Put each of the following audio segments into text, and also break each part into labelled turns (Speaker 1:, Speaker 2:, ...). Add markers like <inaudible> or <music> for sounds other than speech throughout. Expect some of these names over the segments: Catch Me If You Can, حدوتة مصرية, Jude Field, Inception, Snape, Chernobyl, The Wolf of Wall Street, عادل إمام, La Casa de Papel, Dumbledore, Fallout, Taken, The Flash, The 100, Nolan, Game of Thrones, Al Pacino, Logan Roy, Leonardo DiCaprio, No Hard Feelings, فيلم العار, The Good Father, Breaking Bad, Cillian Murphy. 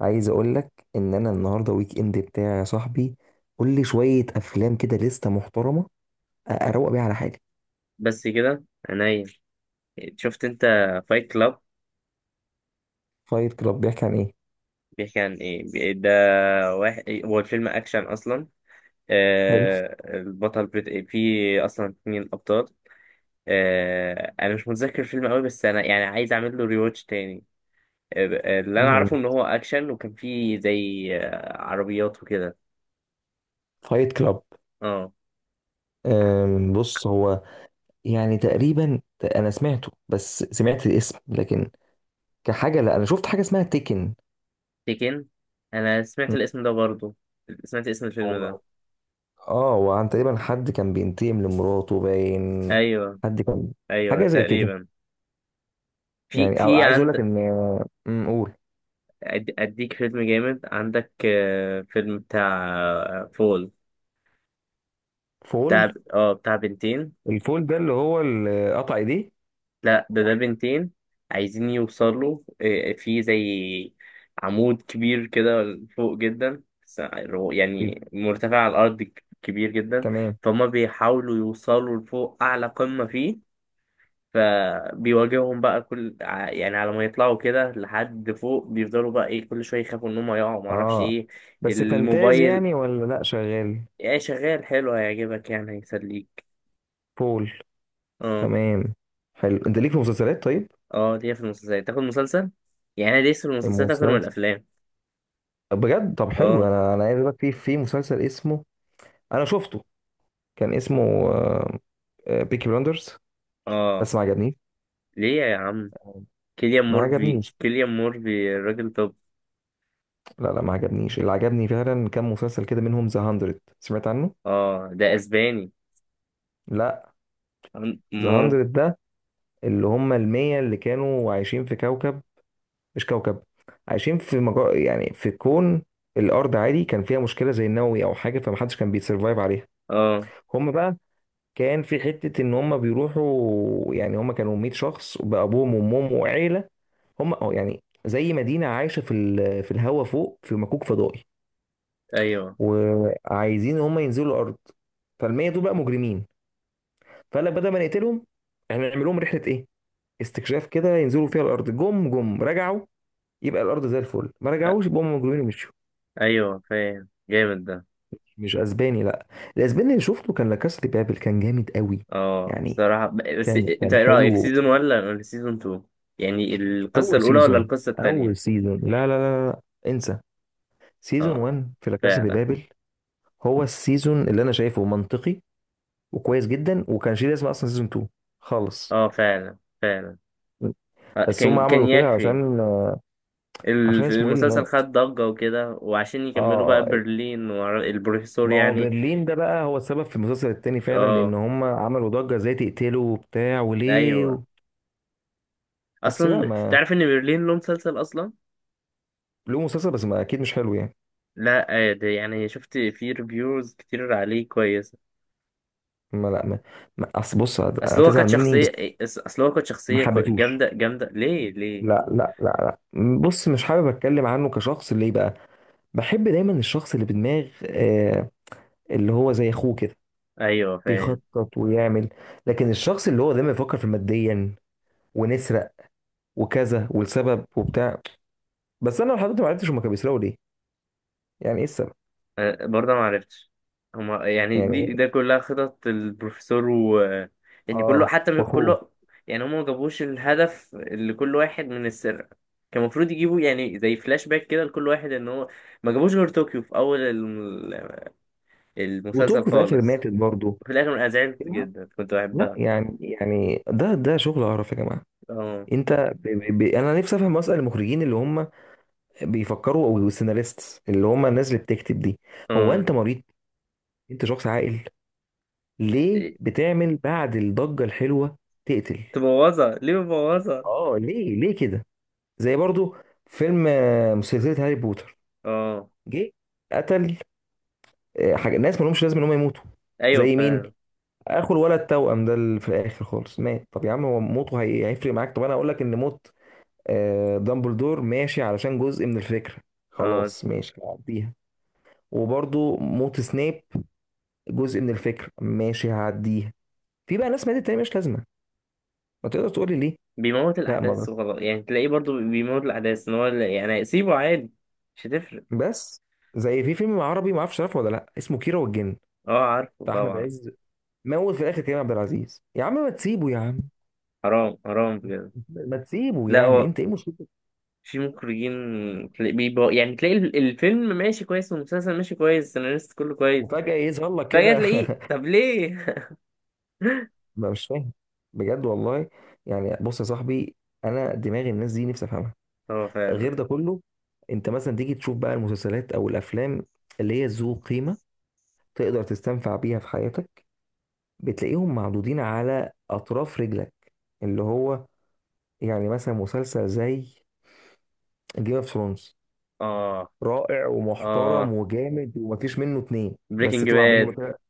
Speaker 1: عايز اقول لك ان انا النهارده ويك اند بتاعي يا صاحبي. قول لي شويه افلام كده لسته محترمه اروق بيها على حالي.
Speaker 2: بس كده عينيا. شفت انت فايت كلاب؟
Speaker 1: فايت كلاب بيحكي عن ايه؟
Speaker 2: بيحكي عن ايه؟ ده واحد، هو الفيلم اكشن اصلا.
Speaker 1: حلو.
Speaker 2: البطل في اصلا اتنين ابطال. انا مش متذكر الفيلم قوي، بس انا يعني عايز اعمل له ريواتش تاني. اللي انا اعرفه
Speaker 1: جامد.
Speaker 2: ان هو اكشن، وكان فيه زي عربيات وكده.
Speaker 1: فايت كلاب.
Speaker 2: اه،
Speaker 1: بص هو، يعني تقريبا انا سمعته، بس سمعت الاسم لكن كحاجه. لا انا شفت حاجه اسمها تيكن.
Speaker 2: تيكن. انا سمعت
Speaker 1: م،
Speaker 2: الاسم ده برضو. سمعت اسم الفيلم ده.
Speaker 1: هو اه، وعن تقريبا حد كان بينتقم لمراته باين.
Speaker 2: ايوه.
Speaker 1: حد كان
Speaker 2: ايوه
Speaker 1: حاجه زي كده.
Speaker 2: تقريبا. في
Speaker 1: يعني أو
Speaker 2: في
Speaker 1: عايز اقول لك
Speaker 2: عند.
Speaker 1: ان، قول.
Speaker 2: اديك فيلم جامد عندك، فيلم بتاع فول.
Speaker 1: فول.
Speaker 2: بتاع بتاع بنتين.
Speaker 1: الفول ده اللي هو اللي قطع ايديه؟
Speaker 2: لا، ده بنتين. عايزين يوصلوا، في زي عمود كبير كده، فوق جدا
Speaker 1: ال-
Speaker 2: يعني مرتفع على الارض، كبير جدا.
Speaker 1: تمام.
Speaker 2: فهم بيحاولوا يوصلوا لفوق اعلى قمة فيه. فبيواجههم بقى كل يعني على ما يطلعوا كده لحد فوق، بيفضلوا بقى ايه، كل شويه يخافوا ان هم يقعوا، معرفش
Speaker 1: اه
Speaker 2: ايه.
Speaker 1: بس فانتازي
Speaker 2: الموبايل.
Speaker 1: يعني ولا لا شغال؟
Speaker 2: يعني شغال حلو، هيعجبك، يعني هيسليك.
Speaker 1: فول.
Speaker 2: اه.
Speaker 1: تمام. حلو، انت ليك في مسلسلات طيب؟
Speaker 2: اه، ليا في المسلسلات، تاخد مسلسل. يعني انا ليا في المسلسلات اكتر من
Speaker 1: المسلسل،
Speaker 2: الافلام.
Speaker 1: بجد؟ طب حلو،
Speaker 2: اه.
Speaker 1: انا عايز اقول لك في مسلسل اسمه، انا شفته، كان اسمه بيكي بلاندرز،
Speaker 2: اه،
Speaker 1: بس ما عجبنيش.
Speaker 2: ليه يا عم؟ كيليان
Speaker 1: ما
Speaker 2: مورفي
Speaker 1: عجبنيش.
Speaker 2: كيليان مورفي الراجل توب.
Speaker 1: لا ما عجبنيش. اللي عجبني فعلا كان مسلسل كده منهم ذا 100، سمعت عنه؟
Speaker 2: اه. ده اسباني.
Speaker 1: لا. ذا
Speaker 2: مور.
Speaker 1: 100 ده اللي هم المية اللي كانوا عايشين في كوكب، مش كوكب، عايشين في يعني في كون. الارض عادي كان فيها مشكله زي النووي او حاجه، فمحدش كان بيتسرفايف عليها.
Speaker 2: اه.
Speaker 1: هم بقى كان في حته ان هم بيروحوا، يعني هم كانوا 100 شخص بابوهم وامهم وعيله. هم اه يعني زي مدينه عايشه في في الهوا فوق في مكوك فضائي،
Speaker 2: ايوه.
Speaker 1: وعايزين ان هم ينزلوا الارض. فالمية دول بقى مجرمين، فقال لك بدل ما نقتلهم احنا نعمل لهم رحله ايه، استكشاف كده، ينزلوا فيها الارض. جم جم رجعوا يبقى الارض زي الفل، ما
Speaker 2: أ-
Speaker 1: رجعوش يبقى هم مجرمين ومشوا.
Speaker 2: ايوه، فاهم، جامد ده.
Speaker 1: مش اسباني، لا. الاسباني اللي شفته كان لاكاس دي بابل، كان جامد قوي.
Speaker 2: اه،
Speaker 1: يعني
Speaker 2: بصراحة بس
Speaker 1: كان
Speaker 2: انت
Speaker 1: كان
Speaker 2: ايه رأيك،
Speaker 1: حلو.
Speaker 2: سيزون ولا سيزون 2؟ يعني القصة
Speaker 1: اول
Speaker 2: الأولى ولا
Speaker 1: سيزون.
Speaker 2: القصة
Speaker 1: اول
Speaker 2: التانية؟
Speaker 1: سيزون. لا. انسى. سيزون
Speaker 2: اه
Speaker 1: 1 في لاكاس دي
Speaker 2: فعلا،
Speaker 1: بابل. هو السيزون اللي انا شايفه منطقي وكويس جدا، وكان شيء لازم اصلا. سيزون 2 خالص.
Speaker 2: اه، فعلا فعلا.
Speaker 1: بس هم
Speaker 2: كان
Speaker 1: عملوا كده
Speaker 2: يكفي.
Speaker 1: عشان، عشان اسمه ايه اللي
Speaker 2: المسلسل
Speaker 1: مات.
Speaker 2: خد ضجة وكده، وعشان
Speaker 1: اه.
Speaker 2: يكملوا بقى
Speaker 1: آه،
Speaker 2: برلين والبروفيسور
Speaker 1: ما هو
Speaker 2: يعني.
Speaker 1: برلين ده بقى هو السبب في المسلسل التاني فعلا، لان
Speaker 2: اه.
Speaker 1: هم عملوا ضجة ازاي تقتله وبتاع وليه
Speaker 2: ايوه.
Speaker 1: و... بس لا،
Speaker 2: اصلا
Speaker 1: ما،
Speaker 2: تعرف ان برلين له مسلسل اصلا؟
Speaker 1: له مسلسل بس ما، اكيد مش حلو يعني.
Speaker 2: لا، ده يعني شفت فيه ريفيوز كتير عليه كويسة.
Speaker 1: ما لا ما اصل بص
Speaker 2: اصل هو
Speaker 1: هتزعل
Speaker 2: كانت
Speaker 1: مني
Speaker 2: شخصية
Speaker 1: بس.
Speaker 2: اصل هو كانت
Speaker 1: ما
Speaker 2: شخصية
Speaker 1: حبيتهوش.
Speaker 2: جامدة جامدة، ليه ليه؟
Speaker 1: لا بص مش حابب اتكلم عنه كشخص. ليه بقى؟ بحب دايما الشخص اللي بدماغ اللي هو زي اخوه كده،
Speaker 2: ايوه، فاهم.
Speaker 1: بيخطط ويعمل. لكن الشخص اللي هو دايما يفكر في ماديا، ونسرق وكذا والسبب وبتاع. بس انا لحد دلوقتي ما عرفتش هما كانوا بيسرقوا ليه، يعني ايه السبب.
Speaker 2: برضه ما عرفتش. هما يعني
Speaker 1: يعني
Speaker 2: ده كلها خطط البروفيسور و. يعني كله
Speaker 1: اه،
Speaker 2: حتى
Speaker 1: واخوه.
Speaker 2: كله. يعني هما ما جابوش الهدف اللي كل واحد من السرقة. كان المفروض يجيبوا يعني زي فلاش باك كده لكل واحد ان هو. ما جابوش غير طوكيو في اول المسلسل
Speaker 1: وتوكو في الاخر
Speaker 2: خالص.
Speaker 1: ماتت برضه.
Speaker 2: في الاخر انا زعلت
Speaker 1: لا،
Speaker 2: جدا، كنت
Speaker 1: لا،
Speaker 2: بحبها.
Speaker 1: يعني يعني ده شغل قرف يا جماعه.
Speaker 2: اه.
Speaker 1: انت انا نفسي افهم اصلا المخرجين اللي هم بيفكروا، او السيناريستس اللي هم الناس اللي بتكتب دي. هو
Speaker 2: اه.
Speaker 1: انت مريض؟ انت شخص عاقل، ليه
Speaker 2: إيه،
Speaker 1: بتعمل بعد الضجة الحلوة تقتل؟
Speaker 2: تبوظها ليه، بتبوظها؟
Speaker 1: اه ليه كده؟ زي برضو فيلم سلسلة هاري بوتر.
Speaker 2: اه،
Speaker 1: جه قتل حاجة، ناس ما لهمش لازم ان هم يموتوا.
Speaker 2: ايوه،
Speaker 1: زي مين؟
Speaker 2: فعلا.
Speaker 1: اخو الولد التوأم ده اللي في الاخر خالص مات. طب يا عم هو موته هيفرق معاك؟ طب انا اقول لك ان موت دامبلدور ماشي، علشان جزء من الفكرة،
Speaker 2: اه،
Speaker 1: خلاص ماشي هعديها. وبرضو موت سنيب جزء من الفكرة، ماشي هعديها. في بقى ناس ماتت تاني مش لازمة، ما تقدر تقول لي ليه.
Speaker 2: بيموت
Speaker 1: لا ما
Speaker 2: الأحداث
Speaker 1: بس،
Speaker 2: وخلاص، يعني تلاقيه برضو بيموت الأحداث، إن هو يعني سيبه عادي. مش هتفرق.
Speaker 1: بس زي في فيلم عربي ما اعرفش عارفه ولا لا، اسمه كيرة والجن،
Speaker 2: أه، عارفه
Speaker 1: بتاع احمد
Speaker 2: طبعا.
Speaker 1: عز. موت في الاخر كريم عبد العزيز. يا عم ما تسيبه يا عم.
Speaker 2: حرام حرام بجد.
Speaker 1: ما تسيبه،
Speaker 2: لا
Speaker 1: يعني
Speaker 2: هو،
Speaker 1: انت ايه مشكلتك؟
Speaker 2: في مخرجين. تلاقي بيبقى يعني تلاقي الفيلم ماشي كويس، والمسلسل ماشي كويس، السيناريست كله كويس.
Speaker 1: وفجأة يظهر لك
Speaker 2: فجأة
Speaker 1: كده.
Speaker 2: تلاقيه،
Speaker 1: <laughs>
Speaker 2: طب ليه؟ <laughs>
Speaker 1: ما مش فاهم بجد والله. يعني بص يا صاحبي، انا دماغ الناس دي نفسي افهمها.
Speaker 2: هو فعلا.
Speaker 1: غير ده كله، انت مثلا تيجي تشوف بقى المسلسلات او الافلام اللي هي ذو قيمه تقدر تستنفع بيها في حياتك، بتلاقيهم معدودين على اطراف رجلك. اللي هو يعني مثلا مسلسل زي جيم اوف ثرونز.
Speaker 2: اه.
Speaker 1: رائع ومحترم
Speaker 2: اه،
Speaker 1: وجامد، ومفيش منه اتنين. بس
Speaker 2: بريكنج
Speaker 1: اطلع منه
Speaker 2: باد.
Speaker 1: بريكنج بقى باد.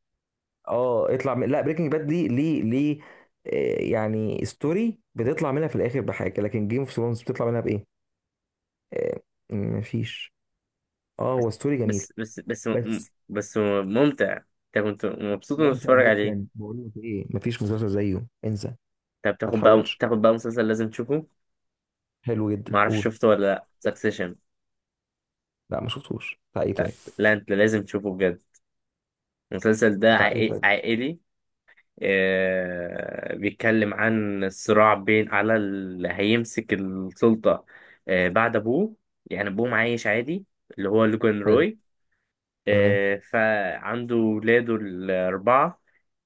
Speaker 1: اه، اطلع لا بريكنج باد دي، ليه؟ ليه؟ يعني ستوري بتطلع منها في الاخر بحاجه، لكن جيم اوف ثرونز بتطلع منها بايه؟ آه، مفيش. اه، هو ستوري جميل
Speaker 2: بس بس بس م-
Speaker 1: بس.
Speaker 2: بس ممتع، انت كنت مبسوط انك
Speaker 1: ممتع
Speaker 2: بتتفرج عليه.
Speaker 1: جدا، بقول لك ايه، مفيش مسلسل زيه، انسى.
Speaker 2: طب
Speaker 1: ما
Speaker 2: تاخد بقى
Speaker 1: تحاولش.
Speaker 2: تاخد بقى مسلسل لازم تشوفه.
Speaker 1: حلو جدا،
Speaker 2: معرفش
Speaker 1: قول.
Speaker 2: شفته ولا لأ، سكسيشن.
Speaker 1: لا ما شفتوش، بتاع ايه
Speaker 2: لا
Speaker 1: طيب؟
Speaker 2: لا، انت لازم تشوفه بجد. المسلسل ده
Speaker 1: بتاع ايه طيب؟
Speaker 2: عائلي. بيتكلم عن الصراع بين على اللي هيمسك السلطة. بعد أبوه. يعني أبوه عايش عادي، اللي هو لوجان
Speaker 1: حلو.
Speaker 2: روي.
Speaker 1: تمام.
Speaker 2: فعنده ولاده الأربعة.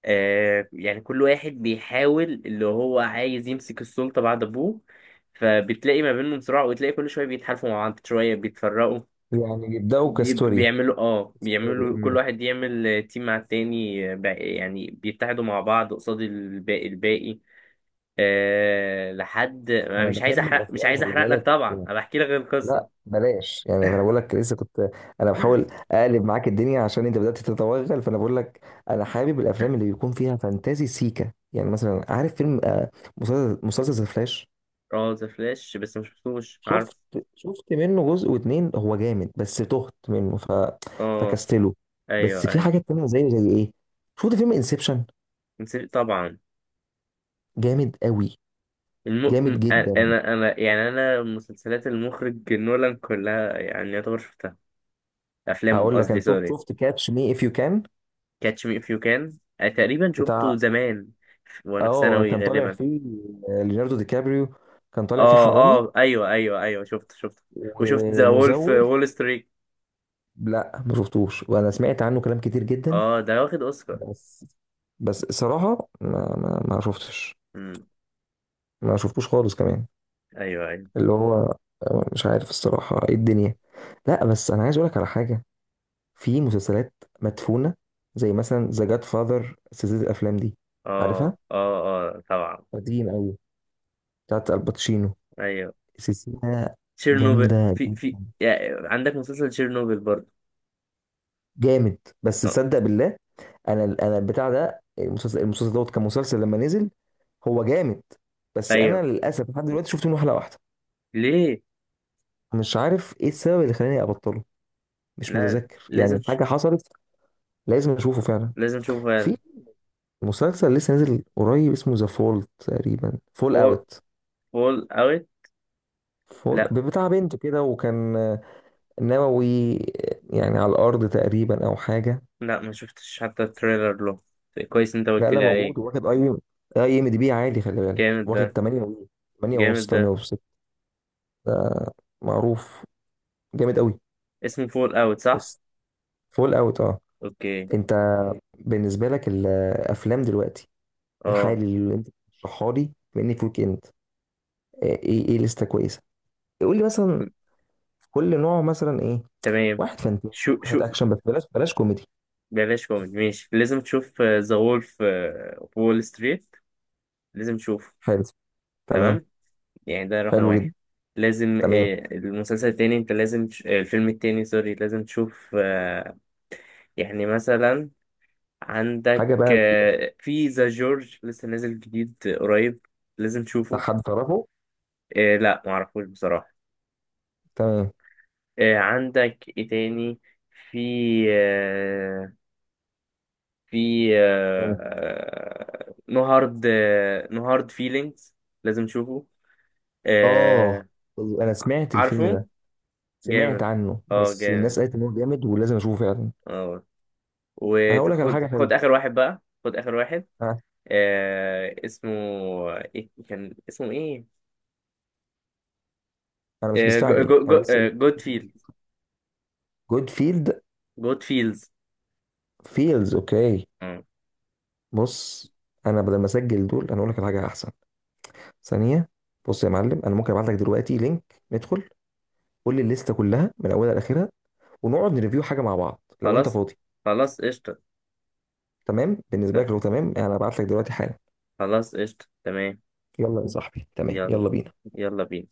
Speaker 2: يعني كل واحد بيحاول، اللي هو عايز يمسك السلطة بعد أبوه. فبتلاقي ما بينهم صراع، وتلاقي كل شوية بيتحالفوا مع بعض، شوية بيتفرقوا.
Speaker 1: يعني يبداوا كستوري.
Speaker 2: بيعملوا، اه
Speaker 1: ستوري.
Speaker 2: بيعملوا كل واحد يعمل تيم مع التاني، يعني بيتحدوا مع بعض قصاد الباقي الباقي. أه لحد، أنا
Speaker 1: انا بحب
Speaker 2: مش
Speaker 1: الافلام،
Speaker 2: عايز
Speaker 1: خلي
Speaker 2: احرق لك
Speaker 1: بالك.
Speaker 2: طبعا، انا بحكي لك
Speaker 1: لا
Speaker 2: القصه.
Speaker 1: بلاش، يعني انا بقول
Speaker 2: <laughs>
Speaker 1: لك لسه كنت، انا بحاول اقلب معاك الدنيا عشان انت بدات تتوغل، فانا بقول لك انا حابب الافلام اللي بيكون فيها فانتازي سيكا. يعني مثلا عارف فيلم مسلسل، فلاش.
Speaker 2: اه، ذا فلاش، بس ما شفتوش
Speaker 1: شفت،
Speaker 2: عارف.
Speaker 1: شفت منه جزء واتنين، هو جامد بس تهت منه ف...
Speaker 2: اه،
Speaker 1: فكستله.
Speaker 2: ايوه،
Speaker 1: بس في
Speaker 2: ايوه.
Speaker 1: حاجات تانية زي، ايه، شفت فيلم انسبشن؟
Speaker 2: نسيت طبعا.
Speaker 1: جامد قوي، جامد جدا.
Speaker 2: انا يعني انا مسلسلات المخرج نولان كلها يعني يعتبر شفتها. افلام
Speaker 1: هقول لك
Speaker 2: قصدي،
Speaker 1: انا شفت،
Speaker 2: سوري.
Speaker 1: شفت كاتش مي اف يو كان.
Speaker 2: كاتش مي اف يو كان تقريبا شفته
Speaker 1: بتاع
Speaker 2: زمان، وانا في
Speaker 1: اه،
Speaker 2: ثانوي
Speaker 1: كان طالع
Speaker 2: غالبا.
Speaker 1: فيه ليوناردو دي كابريو، كان طالع فيه
Speaker 2: اه
Speaker 1: حرامي
Speaker 2: اه، ايوه ايوه ايوه، شفته شفته. وشفت ذا وولف
Speaker 1: ومزور.
Speaker 2: وول ستريت.
Speaker 1: لا ما شفتوش، وانا سمعت عنه كلام كتير جدا،
Speaker 2: اه، ده واخد اوسكار.
Speaker 1: بس، بس صراحة ما شفتش.
Speaker 2: امم.
Speaker 1: ما شفتوش خالص كمان.
Speaker 2: ايوه ايوه.
Speaker 1: اللي هو مش عارف الصراحة ايه الدنيا. لا بس انا عايز اقولك على حاجة، في مسلسلات مدفونة، زي مثلا ذا جاد فاذر، سلسلة الافلام دي،
Speaker 2: اه
Speaker 1: عارفها؟
Speaker 2: اه. اه طبعا.
Speaker 1: قديم قوي، بتاعت الباتشينو،
Speaker 2: ايوه.
Speaker 1: سلسلة
Speaker 2: تشيرنوبل
Speaker 1: جامدة.
Speaker 2: في يعني عندك مسلسل تشيرنوبل برضه.
Speaker 1: جامد. بس
Speaker 2: آه،
Speaker 1: تصدق بالله، انا البتاع ده المسلسل، دوت كمسلسل لما نزل هو جامد، بس انا
Speaker 2: ايوه.
Speaker 1: للاسف لحد دلوقتي شفت منه حلقة واحدة.
Speaker 2: ليه؟
Speaker 1: مش عارف ايه السبب اللي خلاني ابطله، مش
Speaker 2: لا،
Speaker 1: متذكر
Speaker 2: لازم
Speaker 1: يعني حاجة حصلت. لازم اشوفه فعلا.
Speaker 2: لازم تشوفه
Speaker 1: في
Speaker 2: فعلا.
Speaker 1: مسلسل لسه نازل قريب، اسمه ذا فول، تقريبا فول
Speaker 2: فول،
Speaker 1: اوت.
Speaker 2: فول اوت.
Speaker 1: فول
Speaker 2: لا
Speaker 1: بتاع بنت كده، وكان نووي، يعني على الارض تقريبا او حاجه.
Speaker 2: لا، ما شفتش حتى التريلر له. كويس انت
Speaker 1: لا
Speaker 2: قلت
Speaker 1: لا
Speaker 2: لي عليه.
Speaker 1: موجود، واخد اي، اي ام دي بي عالي خلي بالك،
Speaker 2: جامد
Speaker 1: واخد
Speaker 2: ده،
Speaker 1: 8 و، 8 ونص.
Speaker 2: جامد
Speaker 1: 8
Speaker 2: ده.
Speaker 1: ونص معروف. جامد قوي.
Speaker 2: اسمه فول اوت، صح؟
Speaker 1: بس فول اوت، اه.
Speaker 2: اوكي.
Speaker 1: انت بالنسبه لك الافلام دلوقتي
Speaker 2: اه.
Speaker 1: الحالي اللي انت بتشرحها لي، بما انك ويك اند، ايه ايه لسته كويسه، قول لي مثلا في كل نوع مثلا ايه.
Speaker 2: تمام.
Speaker 1: واحد فانتازي،
Speaker 2: شو
Speaker 1: واحد اكشن، بس بلاش، بلاش كوميدي.
Speaker 2: بلاش كوميدي، ماشي، لازم تشوف ذا وولف وول ستريت. لازم تشوفه.
Speaker 1: حلو. تمام.
Speaker 2: تمام، يعني ده رقم
Speaker 1: حلو جدا.
Speaker 2: واحد. لازم،
Speaker 1: تمام.
Speaker 2: المسلسل التاني، انت لازم تش... آه، الفيلم التاني، سوري، لازم تشوف، يعني مثلا، عندك
Speaker 1: حاجه بقى،
Speaker 2: في ذا جورج لسه نازل جديد، قريب، لازم
Speaker 1: بتاع
Speaker 2: تشوفه.
Speaker 1: حد تعرفه؟
Speaker 2: لا، معرفوش بصراحة.
Speaker 1: تمام.
Speaker 2: عندك ايه تاني؟ في، آه، في
Speaker 1: تمام.
Speaker 2: نو هارد، نو هارد فيلينجز، لازم تشوفه.
Speaker 1: اه
Speaker 2: آه،
Speaker 1: انا سمعت الفيلم
Speaker 2: عارفه،
Speaker 1: ده، سمعت
Speaker 2: جامد،
Speaker 1: عنه
Speaker 2: اه،
Speaker 1: بس الناس
Speaker 2: جامد،
Speaker 1: قالت ان هو جامد ولازم اشوفه فعلا.
Speaker 2: اه.
Speaker 1: انا هقول لك على
Speaker 2: وخد
Speaker 1: حاجه حلوه.
Speaker 2: خد اخر واحد بقى، خد اخر واحد.
Speaker 1: انا،
Speaker 2: اسمه ايه، كان اسمه ايه؟
Speaker 1: أنا مش
Speaker 2: جو
Speaker 1: مستعجل
Speaker 2: جو جو
Speaker 1: انا لسه.
Speaker 2: جود فيلد،
Speaker 1: جود فيلد.
Speaker 2: جود فيلز
Speaker 1: فيلز. اوكي.
Speaker 2: آه.
Speaker 1: بص انا بدل ما اسجل دول انا اقول لك على حاجه احسن. ثانيه. بص يا معلم، انا ممكن ابعت لك دلوقتي لينك ندخل، قول لي الليسته كلها من اولها لاخرها، ونقعد نريفيو حاجه مع بعض لو انت
Speaker 2: خلاص،
Speaker 1: فاضي.
Speaker 2: خلاص قشطة.
Speaker 1: تمام بالنسبه لك؟ لو تمام انا هبعت لك دلوقتي حالا.
Speaker 2: خلاص قشطة، تمام.
Speaker 1: يلا يا صاحبي، تمام،
Speaker 2: يلا،
Speaker 1: يلا بينا.
Speaker 2: يلا بينا.